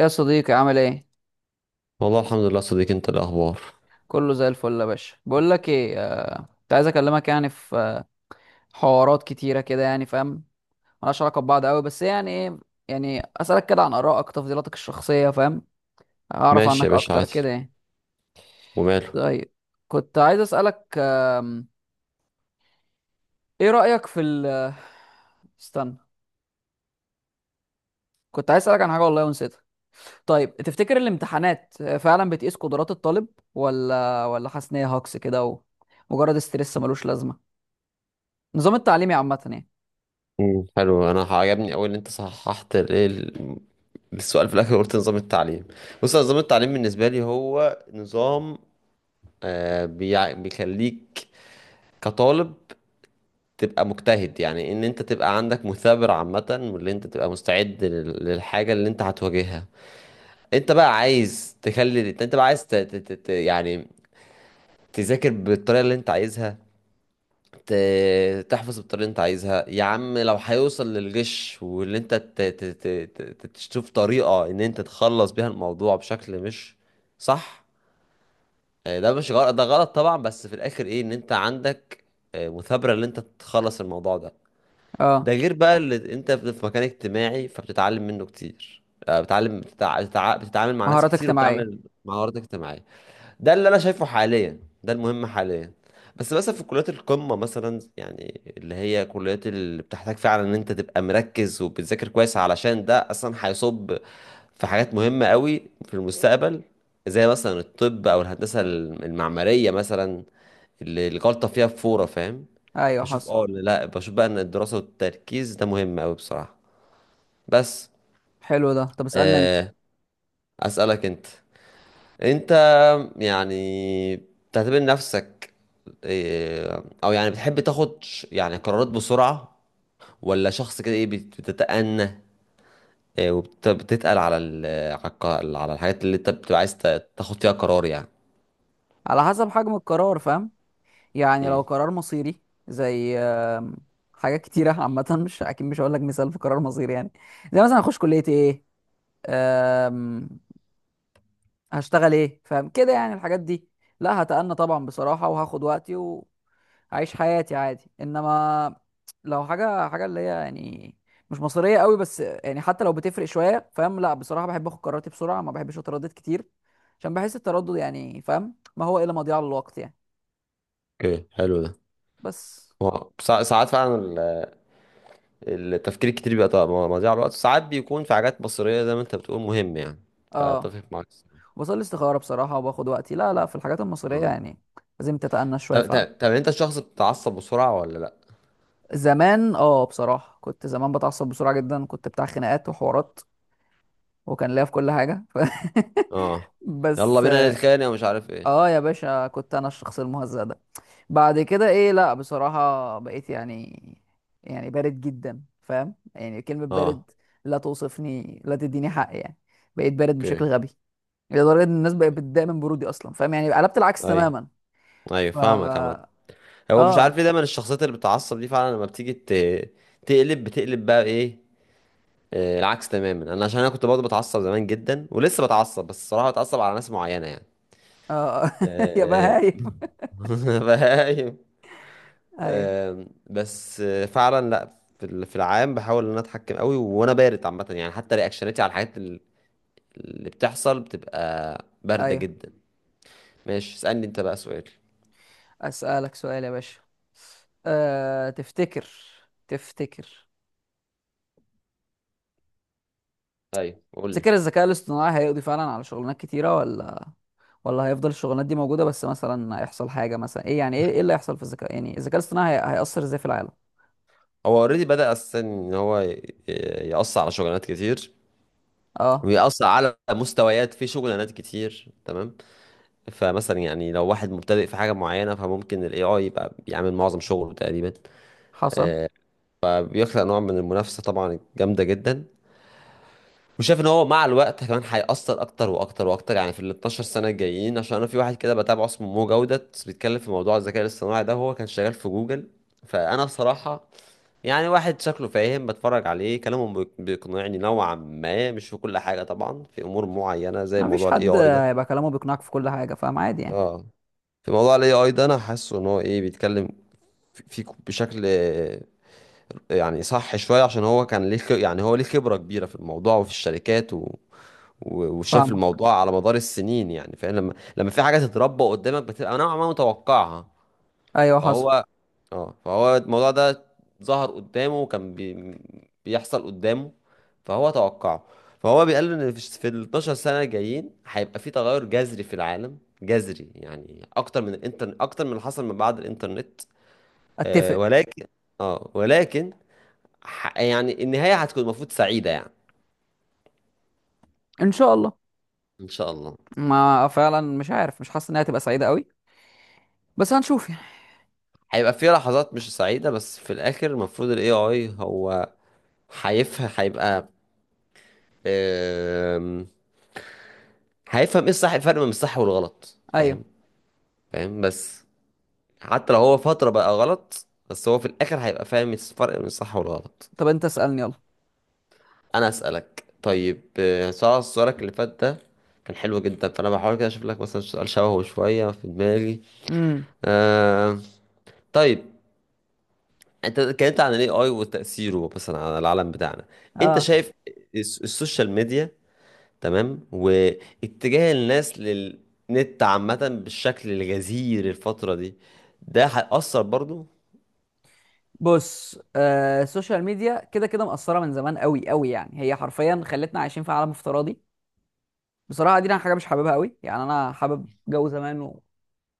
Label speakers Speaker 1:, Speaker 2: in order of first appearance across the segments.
Speaker 1: يا صديقي، عامل ايه؟
Speaker 2: والله الحمد لله صديقي. انت إيه الاخبار؟
Speaker 1: كله زي الفل يا باشا. بقول لك ايه، كنت عايز اكلمك يعني في حوارات كتيره كده، يعني فاهم؟ ملهاش علاقه ببعض قوي، بس يعني ايه، يعني اسالك كده عن ارائك، تفضيلاتك الشخصيه، فاهم؟ اعرف
Speaker 2: ماشي يا
Speaker 1: عنك
Speaker 2: باشا،
Speaker 1: اكتر
Speaker 2: عادي.
Speaker 1: كده يعني.
Speaker 2: وماله.
Speaker 1: طيب، كنت عايز اسالك ايه رايك في ال استنى، كنت عايز اسالك عن حاجه والله ونسيتها. طيب، تفتكر الامتحانات فعلا بتقيس قدرات الطالب، ولا حاسس ان هي هاكس كده، ومجرد استرس ملوش لازمه؟ نظام التعليمي عامه يعني.
Speaker 2: مم. حلو، انا عجبني قوي ان انت صححت الايه السؤال في الاخر، قلت نظام التعليم. بص، أنا نظام التعليم بالنسبه لي هو نظام بيخليك كطالب تبقى مجتهد، يعني ان انت تبقى عندك مثابر عامه، واللي انت تبقى مستعد للحاجه اللي انت هتواجهها. انت بقى عايز تخلي، انت بقى عايز يعني تذاكر بالطريقه اللي انت عايزها، تحفظ بالطريقة اللي انت عايزها. يا عم، لو هيوصل للغش واللي انت تشوف طريقة ان انت تخلص بيها الموضوع بشكل مش صح، ده مش غلط، ده غلط طبعا، بس في الاخر ايه، ان انت عندك مثابرة ان انت تخلص الموضوع ده. ده
Speaker 1: اه،
Speaker 2: غير بقى اللي انت في مكان اجتماعي فبتتعلم منه كتير، بتتعلم، بتتعامل مع ناس
Speaker 1: مهارات
Speaker 2: كتير وبتعمل
Speaker 1: اجتماعية.
Speaker 2: مع مهارات اجتماعية. ده اللي انا شايفه حاليا، ده المهم حاليا. بس مثلا في كليات القمة مثلا، يعني اللي هي كليات اللي بتحتاج فعلا ان انت تبقى مركز وبتذاكر كويس، علشان ده اصلا هيصب في حاجات مهمة قوي في المستقبل، زي مثلا الطب او الهندسة المعمارية مثلا، اللي الغلطة فيها بفورة، فاهم؟
Speaker 1: ايوه
Speaker 2: بشوف
Speaker 1: حصل.
Speaker 2: اه ولا لا، بشوف بقى ان الدراسة والتركيز ده مهم قوي بصراحة. بس.
Speaker 1: حلو ده. طب اسألني انت.
Speaker 2: آه، اسألك انت يعني بتعتبر نفسك او يعني بتحب تاخد يعني قرارات بسرعة، ولا شخص كده ايه بتتأنى وبتتقل على على على الحاجات اللي انت بتبقى عايز تاخد فيها قرار يعني؟
Speaker 1: على حسب حجم القرار، فاهم؟ يعني لو
Speaker 2: مم.
Speaker 1: قرار مصيري، زي حاجات كتيرة عامة، مش اكيد، مش هقول لك مثال في قرار مصيري يعني، زي مثلا هخش كلية ايه، آم، هشتغل ايه، فاهم كده يعني الحاجات دي؟ لا هتأنى طبعا بصراحة وهاخد وقتي، اعيش حياتي عادي. انما لو حاجه حاجه اللي هي يعني مش مصريه قوي، بس يعني حتى لو بتفرق شويه، فاهم؟ لا بصراحه بحب اخد قراراتي بسرعه، ما بحبش اتردد كتير، عشان بحس التردد يعني، فاهم، ما هو الا مضيعه للوقت يعني.
Speaker 2: اوكي، حلو ده.
Speaker 1: بس
Speaker 2: هو ساعات فعلا التفكير الكتير بيبقى طبعاً مضيع الوقت، ساعات بيكون في حاجات بصرية زي ما انت بتقول مهم يعني.
Speaker 1: اه،
Speaker 2: فاتفق معاك الصراحة.
Speaker 1: بصلي استخاره بصراحه وباخد وقتي، لا لا في الحاجات المصريه
Speaker 2: مم.
Speaker 1: يعني لازم تتأنى شويه
Speaker 2: طب
Speaker 1: فعلا.
Speaker 2: انت شخص بتتعصب بسرعة ولا لا؟
Speaker 1: زمان اه، بصراحه كنت زمان بتعصب بسرعه جدا، كنت بتاع خناقات وحوارات، وكان ليا في كل حاجه
Speaker 2: اه. يلا
Speaker 1: بس
Speaker 2: بينا نتخانق ومش عارف ايه.
Speaker 1: اه يا باشا، كنت انا الشخص المهزأ ده. بعد كده ايه، لا بصراحة بقيت يعني، يعني بارد جدا، فاهم يعني كلمة
Speaker 2: اه.
Speaker 1: بارد؟ لا توصفني، لا تديني حق يعني. بقيت بارد بشكل
Speaker 2: اوكي.
Speaker 1: غبي، لدرجة ان الناس بقت بتضايق من برودي اصلا، فاهم؟ يعني قلبت العكس
Speaker 2: ايوه،
Speaker 1: تماما.
Speaker 2: ايوه،
Speaker 1: ف
Speaker 2: فاهمك عامة.
Speaker 1: اه
Speaker 2: هو مش عارف
Speaker 1: اه
Speaker 2: ليه دايما الشخصيات اللي بتتعصب دي فعلا لما بتيجي بتقلب بقى ايه العكس تماما. انا عشان كنت برضه بتعصب زمان جدا، ولسه بتعصب، بس الصراحة بتعصب على ناس معينة يعني.
Speaker 1: آه. يا
Speaker 2: آه،
Speaker 1: بهايم.
Speaker 2: فاهم.
Speaker 1: ايوه،
Speaker 2: بس فعلا لا، في العام بحاول ان انا اتحكم قوي، وانا بارد عامه يعني، حتى رياكشناتي على الحاجات اللي بتحصل بتبقى بارده
Speaker 1: ايوه.
Speaker 2: جدا. ماشي، اسألني انت بقى سؤال.
Speaker 1: اسألك سؤال يا باشا. أه... تفتكر تفتكر
Speaker 2: ايوه قول
Speaker 1: تفتكر
Speaker 2: لي.
Speaker 1: الذكاء الاصطناعي هيقضي فعلا على شغلانات كتيرة، ولا ولا هيفضل الشغلانات دي موجودة، بس مثلا هيحصل حاجة مثلا ايه، يعني ايه، إيه اللي هيحصل في الذكاء، يعني الذكاء الاصطناعي هيأثر ازاي في العالم؟
Speaker 2: هو اوريدي بدأ اساسا ان هو يقص على شغلانات كتير،
Speaker 1: اه
Speaker 2: ويقص على مستويات في شغلانات كتير، تمام؟ فمثلا يعني لو واحد مبتدئ في حاجة معينة، فممكن الاي اي يبقى بيعمل معظم شغله تقريبا،
Speaker 1: حصل.
Speaker 2: بيخلق نوع من المنافسة طبعا جامدة جدا. وشايف ان هو مع الوقت كمان هيأثر اكتر واكتر واكتر يعني في ال 12 سنة الجايين، عشان انا في واحد كده بتابعه اسمه مو جودة بيتكلم في موضوع الذكاء الاصطناعي ده، هو كان شغال في جوجل. فانا بصراحة يعني واحد شكله فاهم، بتفرج عليه كلامه بيقنعني نوعا ما، مش في كل حاجة طبعا، في أمور معينة زي
Speaker 1: ما فيش
Speaker 2: موضوع الاي
Speaker 1: حد
Speaker 2: اي ده.
Speaker 1: هيبقى كلامه بيقنعك في كل حاجة، فاهم، عادي يعني.
Speaker 2: اه. في موضوع الاي اي ده أنا حاسه إن هو إيه بيتكلم بشكل يعني صح شوية، عشان هو كان ليه يعني هو ليه خبرة كبيرة في الموضوع وفي الشركات وشاف
Speaker 1: فاهمة.
Speaker 2: الموضوع على مدار السنين يعني. فاهم، لما في حاجة تتربى قدامك بتبقى نوعا ما متوقعها.
Speaker 1: ايوه حصل.
Speaker 2: فهو، اه، فهو الموضوع ده ظهر قدامه، وكان بيحصل قدامه، فهو توقعه. فهو بيقال ان في ال 12 سنه الجايين هيبقى في تغير جذري في العالم، جذري يعني اكتر من الانترنت، اكتر من اللي حصل من بعد الانترنت. آه
Speaker 1: اتفق.
Speaker 2: ولكن اه ولكن يعني النهايه هتكون المفروض سعيده يعني.
Speaker 1: ان شاء الله.
Speaker 2: ان شاء الله.
Speaker 1: ما فعلا، مش عارف، مش حاسس انها هتبقى سعيدة قوي، بس هنشوف يعني.
Speaker 2: هيبقى في لحظات مش سعيده، بس في الاخر المفروض الاي اي هو هيفهم، هيبقى هيفهم ايه الفرق بين الصح والغلط
Speaker 1: ايوه.
Speaker 2: فاهم؟ فاهم. بس حتى لو هو فترة بقى غلط، بس هو في الاخر هيبقى فاهم الفرق بين الصح والغلط.
Speaker 1: طب انت اسألني يلا.
Speaker 2: انا اسألك طيب. سؤالك اللي فات ده كان حلو جدا، فانا بحاول كده اشوف لك مثلا سؤال شبهه شوية في دماغي.
Speaker 1: امم
Speaker 2: آه طيب، انت اتكلمت عن الاي اي وتأثيره مثلا على العالم بتاعنا. انت
Speaker 1: اه
Speaker 2: شايف السوشيال ميديا تمام، واتجاه الناس للنت عامة بالشكل الغزير الفترة دي، ده هيأثر برضو؟
Speaker 1: بص، السوشيال ميديا كده كده مأثرة من زمان قوي قوي، يعني هي حرفيا خلتنا عايشين في عالم افتراضي. بصراحة دي أنا حاجة مش حاببها قوي يعني. انا حابب جو زمان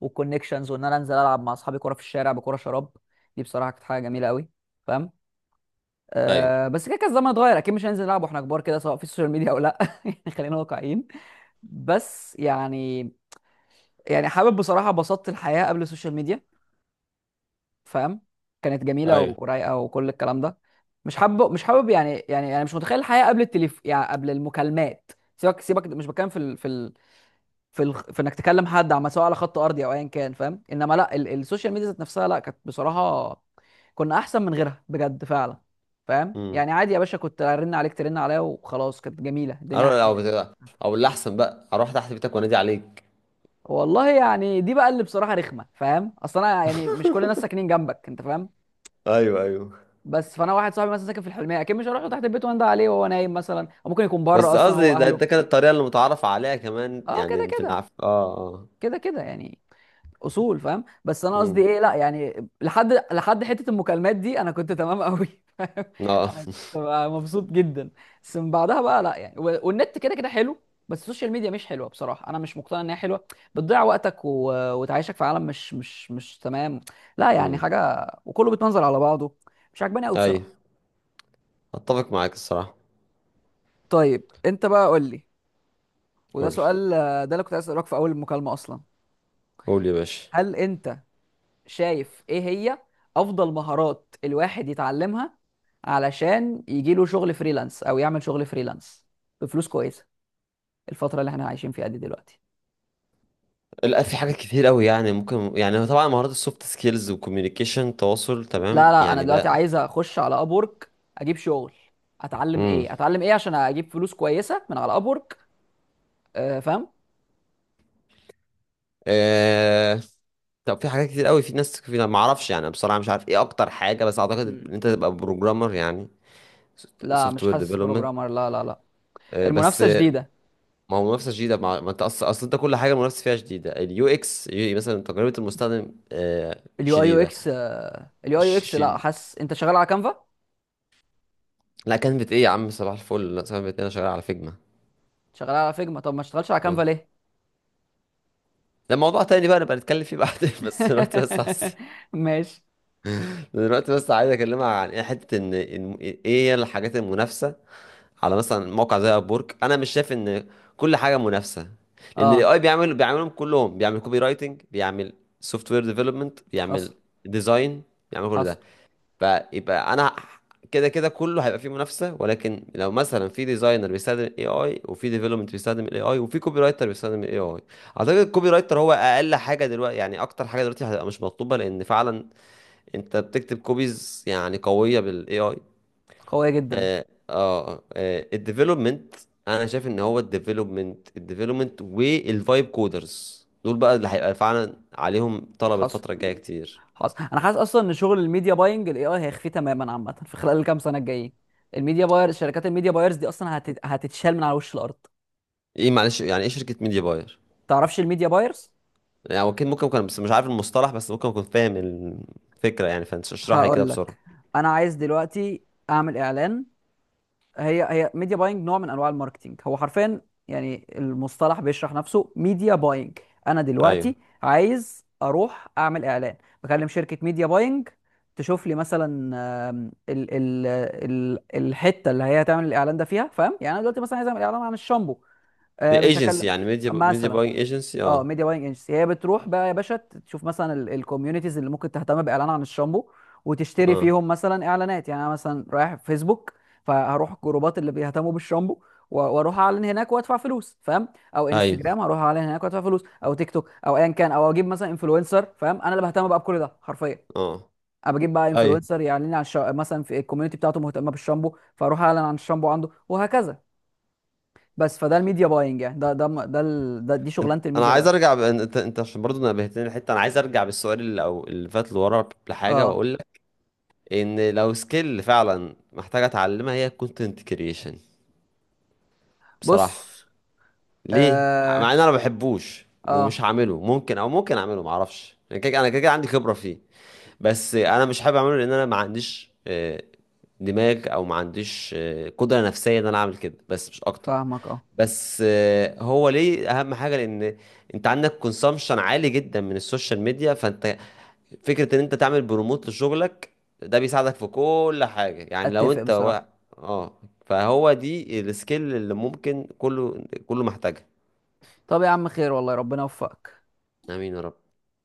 Speaker 1: والكونكشنز، وان انا انزل العب مع اصحابي كوره في الشارع بكوره شراب، دي بصراحه كانت حاجه جميله قوي، فاهم؟
Speaker 2: ايوه،
Speaker 1: بس كده كده الزمن اتغير، اكيد مش هننزل نلعب واحنا كبار كده، سواء في السوشيال ميديا او لا يعني خلينا واقعيين. بس يعني حابب بصراحه بسطت الحياه قبل السوشيال ميديا، فاهم؟ كانت جميله
Speaker 2: ايوه.
Speaker 1: ورايقه وكل الكلام ده. مش حابب يعني، يعني انا مش متخيل الحياه قبل التليف، يعني قبل المكالمات. سيبك سيبك، مش بتكلم في ال... في ال... في الخ... في انك تكلم حد عم، سواء على خط ارضي او ايا كان، فاهم؟ انما لا السوشيال ميديا ذات نفسها لا، كانت بصراحه كنا احسن من غيرها بجد فعلا، فاهم؟
Speaker 2: امم.
Speaker 1: يعني عادي يا باشا، كنت ارن عليك ترن عليا وخلاص، كانت جميله الدنيا.
Speaker 2: او بت- او اللي احسن بقى اروح تحت بيتك وانادي عليك.
Speaker 1: والله يعني دي بقى اللي بصراحه رخمه، فاهم؟ اصل انا يعني مش كل الناس ساكنين جنبك انت، فاهم؟
Speaker 2: ايوه، ايوه.
Speaker 1: بس فانا واحد صاحبي مثلا ساكن في الحلميه، اكيد مش هروح له تحت البيت وانده عليه وهو نايم مثلا، او ممكن يكون بره
Speaker 2: بس
Speaker 1: اصلا هو
Speaker 2: قصدي ده،
Speaker 1: اهله.
Speaker 2: كانت الطريقة اللي متعارف عليها كمان
Speaker 1: اه كده
Speaker 2: يعني في
Speaker 1: كده
Speaker 2: العف، اه، اه.
Speaker 1: كده كده يعني اصول، فاهم؟ بس انا قصدي
Speaker 2: امم.
Speaker 1: ايه، لا يعني لحد لحد حته المكالمات دي انا كنت تمام قوي، فاهم؟
Speaker 2: اه
Speaker 1: انا كنت بقى مبسوط جدا. بس من بعدها بقى لا يعني، والنت كده كده حلو، بس السوشيال ميديا مش حلوه بصراحه، انا مش مقتنع انها حلوه. بتضيع وقتك وتعيشك في عالم مش تمام، لا يعني
Speaker 2: امم.
Speaker 1: حاجه، وكله بيتمنظر على بعضه. مش عاجباني قوي
Speaker 2: ايوه،
Speaker 1: بصراحه.
Speaker 2: اتفق معاك الصراحة.
Speaker 1: طيب انت بقى قول لي، وده
Speaker 2: قول لي،
Speaker 1: سؤال ده اللي كنت عايز اسالك في اول المكالمه اصلا.
Speaker 2: قول لي يا باشا.
Speaker 1: هل انت شايف ايه هي افضل مهارات الواحد يتعلمها علشان يجي له شغل فريلانس او يعمل شغل فريلانس بفلوس كويسه، الفتره اللي احنا عايشين فيها دي دلوقتي؟
Speaker 2: لا، في حاجات كتير قوي يعني ممكن، يعني طبعا مهارات السوفت سكيلز والكوميونيكيشن، تواصل،
Speaker 1: لا
Speaker 2: تمام
Speaker 1: لا، انا
Speaker 2: يعني،
Speaker 1: دلوقتي
Speaker 2: ده.
Speaker 1: عايز اخش على ابورك، اجيب شغل. اتعلم
Speaker 2: امم.
Speaker 1: ايه، اتعلم ايه عشان اجيب فلوس كويسه من على ابورك؟ أه، فاهم.
Speaker 2: آه... طب في حاجات كتير قوي، في ناس، ما اعرفش يعني بصراحه، مش عارف ايه اكتر حاجه، بس اعتقد
Speaker 1: مم.
Speaker 2: ان انت تبقى بروجرامر يعني،
Speaker 1: لا
Speaker 2: سوفت
Speaker 1: مش
Speaker 2: وير
Speaker 1: حاسس
Speaker 2: ديفلوبمنت.
Speaker 1: بروجرامر، لا لا لا.
Speaker 2: بس
Speaker 1: المنافسه شديده.
Speaker 2: ما هو منافسه شديده. ما انت اصل انت كل حاجه المنافسه فيها شديده. اليو اكس مثلا، تجربه المستخدم،
Speaker 1: اليو اي يو
Speaker 2: شديده.
Speaker 1: اكس. اليو اي يو
Speaker 2: ش...
Speaker 1: اكس،
Speaker 2: ش...
Speaker 1: لا حاسس انت شغال على كانفا.
Speaker 2: لا كانت ايه يا عم، صباح الفل، لا كانت ايه، انا شغال على فيجما.
Speaker 1: شغال على فيجما؟ طب ما اشتغلش على كانفا
Speaker 2: اه،
Speaker 1: ليه؟
Speaker 2: ده موضوع تاني بقى نبقى نتكلم فيه بعدين بس دلوقتي بس
Speaker 1: ماشي.
Speaker 2: دلوقتي بس عايز اكلمها عن ايه حته، ان ايه هي الحاجات المنافسه على مثلا موقع زي ابورك. انا مش شايف ان كل حاجه منافسه، لان الاي
Speaker 1: اه
Speaker 2: اي بيعملهم كلهم، بيعمل كوبي رايتنج، بيعمل سوفت وير ديفلوبمنت،
Speaker 1: حصل.
Speaker 2: بيعمل ديزاين، بيعمل كل
Speaker 1: حصل.
Speaker 2: ده. فيبقى انا كده كده كله هيبقى فيه منافسه، ولكن لو مثلا في ديزاينر بيستخدم الاي اي، وفي ديفلوبمنت بيستخدم الاي اي، وفي كوبي رايتر بيستخدم الاي اي، اعتقد الكوبي رايتر هو اقل حاجه دلوقتي، يعني اكتر حاجه دلوقتي هتبقى مش مطلوبه، لان فعلا انت بتكتب كوبيز يعني قويه بالاي اي.
Speaker 1: قويه جدا.
Speaker 2: اه، اه. الديفلوبمنت، انا شايف ان هو الديفلوبمنت، والفايب كودرز دول بقى اللي هيبقى فعلا عليهم طلب
Speaker 1: حصل.
Speaker 2: الفتره الجايه كتير.
Speaker 1: خلاص، انا حاسس اصلا ان شغل الميديا باينج الاي اي هيخفي تماما عامه في خلال الكام سنه الجايين. الميديا باير، شركات الميديا بايرز دي اصلا هتتشال من على وش الارض.
Speaker 2: ايه، معلش، يعني ايه شركه ميديا باير؟
Speaker 1: تعرفش الميديا بايرز؟
Speaker 2: يعني هو اكيد ممكن اكون بس مش عارف المصطلح، بس ممكن اكون فاهم الفكره يعني، فانت اشرح لي كده
Speaker 1: هقول
Speaker 2: بسرعه.
Speaker 1: لك. انا عايز دلوقتي اعمل اعلان. هي ميديا باينج نوع من انواع الماركتينج، هو حرفيا يعني المصطلح بيشرح نفسه، ميديا باينج. انا
Speaker 2: ايوه،
Speaker 1: دلوقتي عايز اروح اعمل اعلان، بكلم شركه ميديا باينج، تشوف لي مثلا ال ال ال الحته اللي هي هتعمل الاعلان ده فيها، فاهم؟ يعني انا دلوقتي مثلا عايز اعمل اعلان عن الشامبو،
Speaker 2: دي
Speaker 1: مش
Speaker 2: ايجنسي،
Speaker 1: هكلم
Speaker 2: يعني ميديا
Speaker 1: مثلا.
Speaker 2: باينج ايجنسي،
Speaker 1: اه،
Speaker 2: اه.
Speaker 1: ميديا باينج ايجنسي هي بتروح بقى يا باشا تشوف مثلا الكوميونيتيز اللي ممكن تهتم باعلان عن الشامبو، وتشتري
Speaker 2: اه.
Speaker 1: فيهم مثلا اعلانات. يعني انا مثلا رايح في فيسبوك، فهروح الجروبات اللي بيهتموا بالشامبو، واروح اعلن هناك وادفع فلوس، فاهم؟ او
Speaker 2: ايوه.
Speaker 1: انستجرام هروح اعلن هناك وادفع فلوس، او تيك توك او ايا كان، او اجيب مثلا انفلونسر، فاهم؟ انا اللي بهتم بقى بكل ده حرفيا.
Speaker 2: اه.
Speaker 1: انا بجيب بقى
Speaker 2: ايوه.
Speaker 1: انفلونسر يعلن لي عن مثلا في الكوميونتي بتاعته مهتمه بالشامبو، فاروح اعلن عن الشامبو عنده وهكذا. بس فده الميديا باينج يعني، ده دي
Speaker 2: انت،
Speaker 1: شغلانه
Speaker 2: انا
Speaker 1: الميديا
Speaker 2: عايز
Speaker 1: باينج.
Speaker 2: ارجع ب... انت، عشان برضه نبهتني الحته، انا عايز ارجع بالسؤال اللي فات لورا لحاجه
Speaker 1: اه
Speaker 2: واقول لك، ان لو سكيل فعلا محتاجة اتعلمها هي الكونتنت كرييشن بصراحة.
Speaker 1: بص،
Speaker 2: ليه؟ مع
Speaker 1: اه
Speaker 2: ان انا ما بحبوش ومش
Speaker 1: اه
Speaker 2: هعمله، ممكن، او ممكن اعمله، ما اعرفش، انا كده، كده عندي خبرة فيه. بس انا مش حابب اعمله، لان انا ما عنديش دماغ، او ما عنديش قدرة نفسية ان انا اعمل كده، بس مش اكتر.
Speaker 1: فاهمك، اه.
Speaker 2: بس هو ليه اهم حاجه؟ لان انت عندك كونسامشن عالي جدا من السوشيال ميديا، فانت فكره ان انت تعمل بروموت لشغلك ده بيساعدك في كل حاجه يعني. لو
Speaker 1: اتفق
Speaker 2: انت
Speaker 1: بصراحة.
Speaker 2: اه فهو دي السكيل اللي ممكن كله كله محتاجها.
Speaker 1: طب يا عم، خير والله، ربنا يوفقك.
Speaker 2: امين يا رب.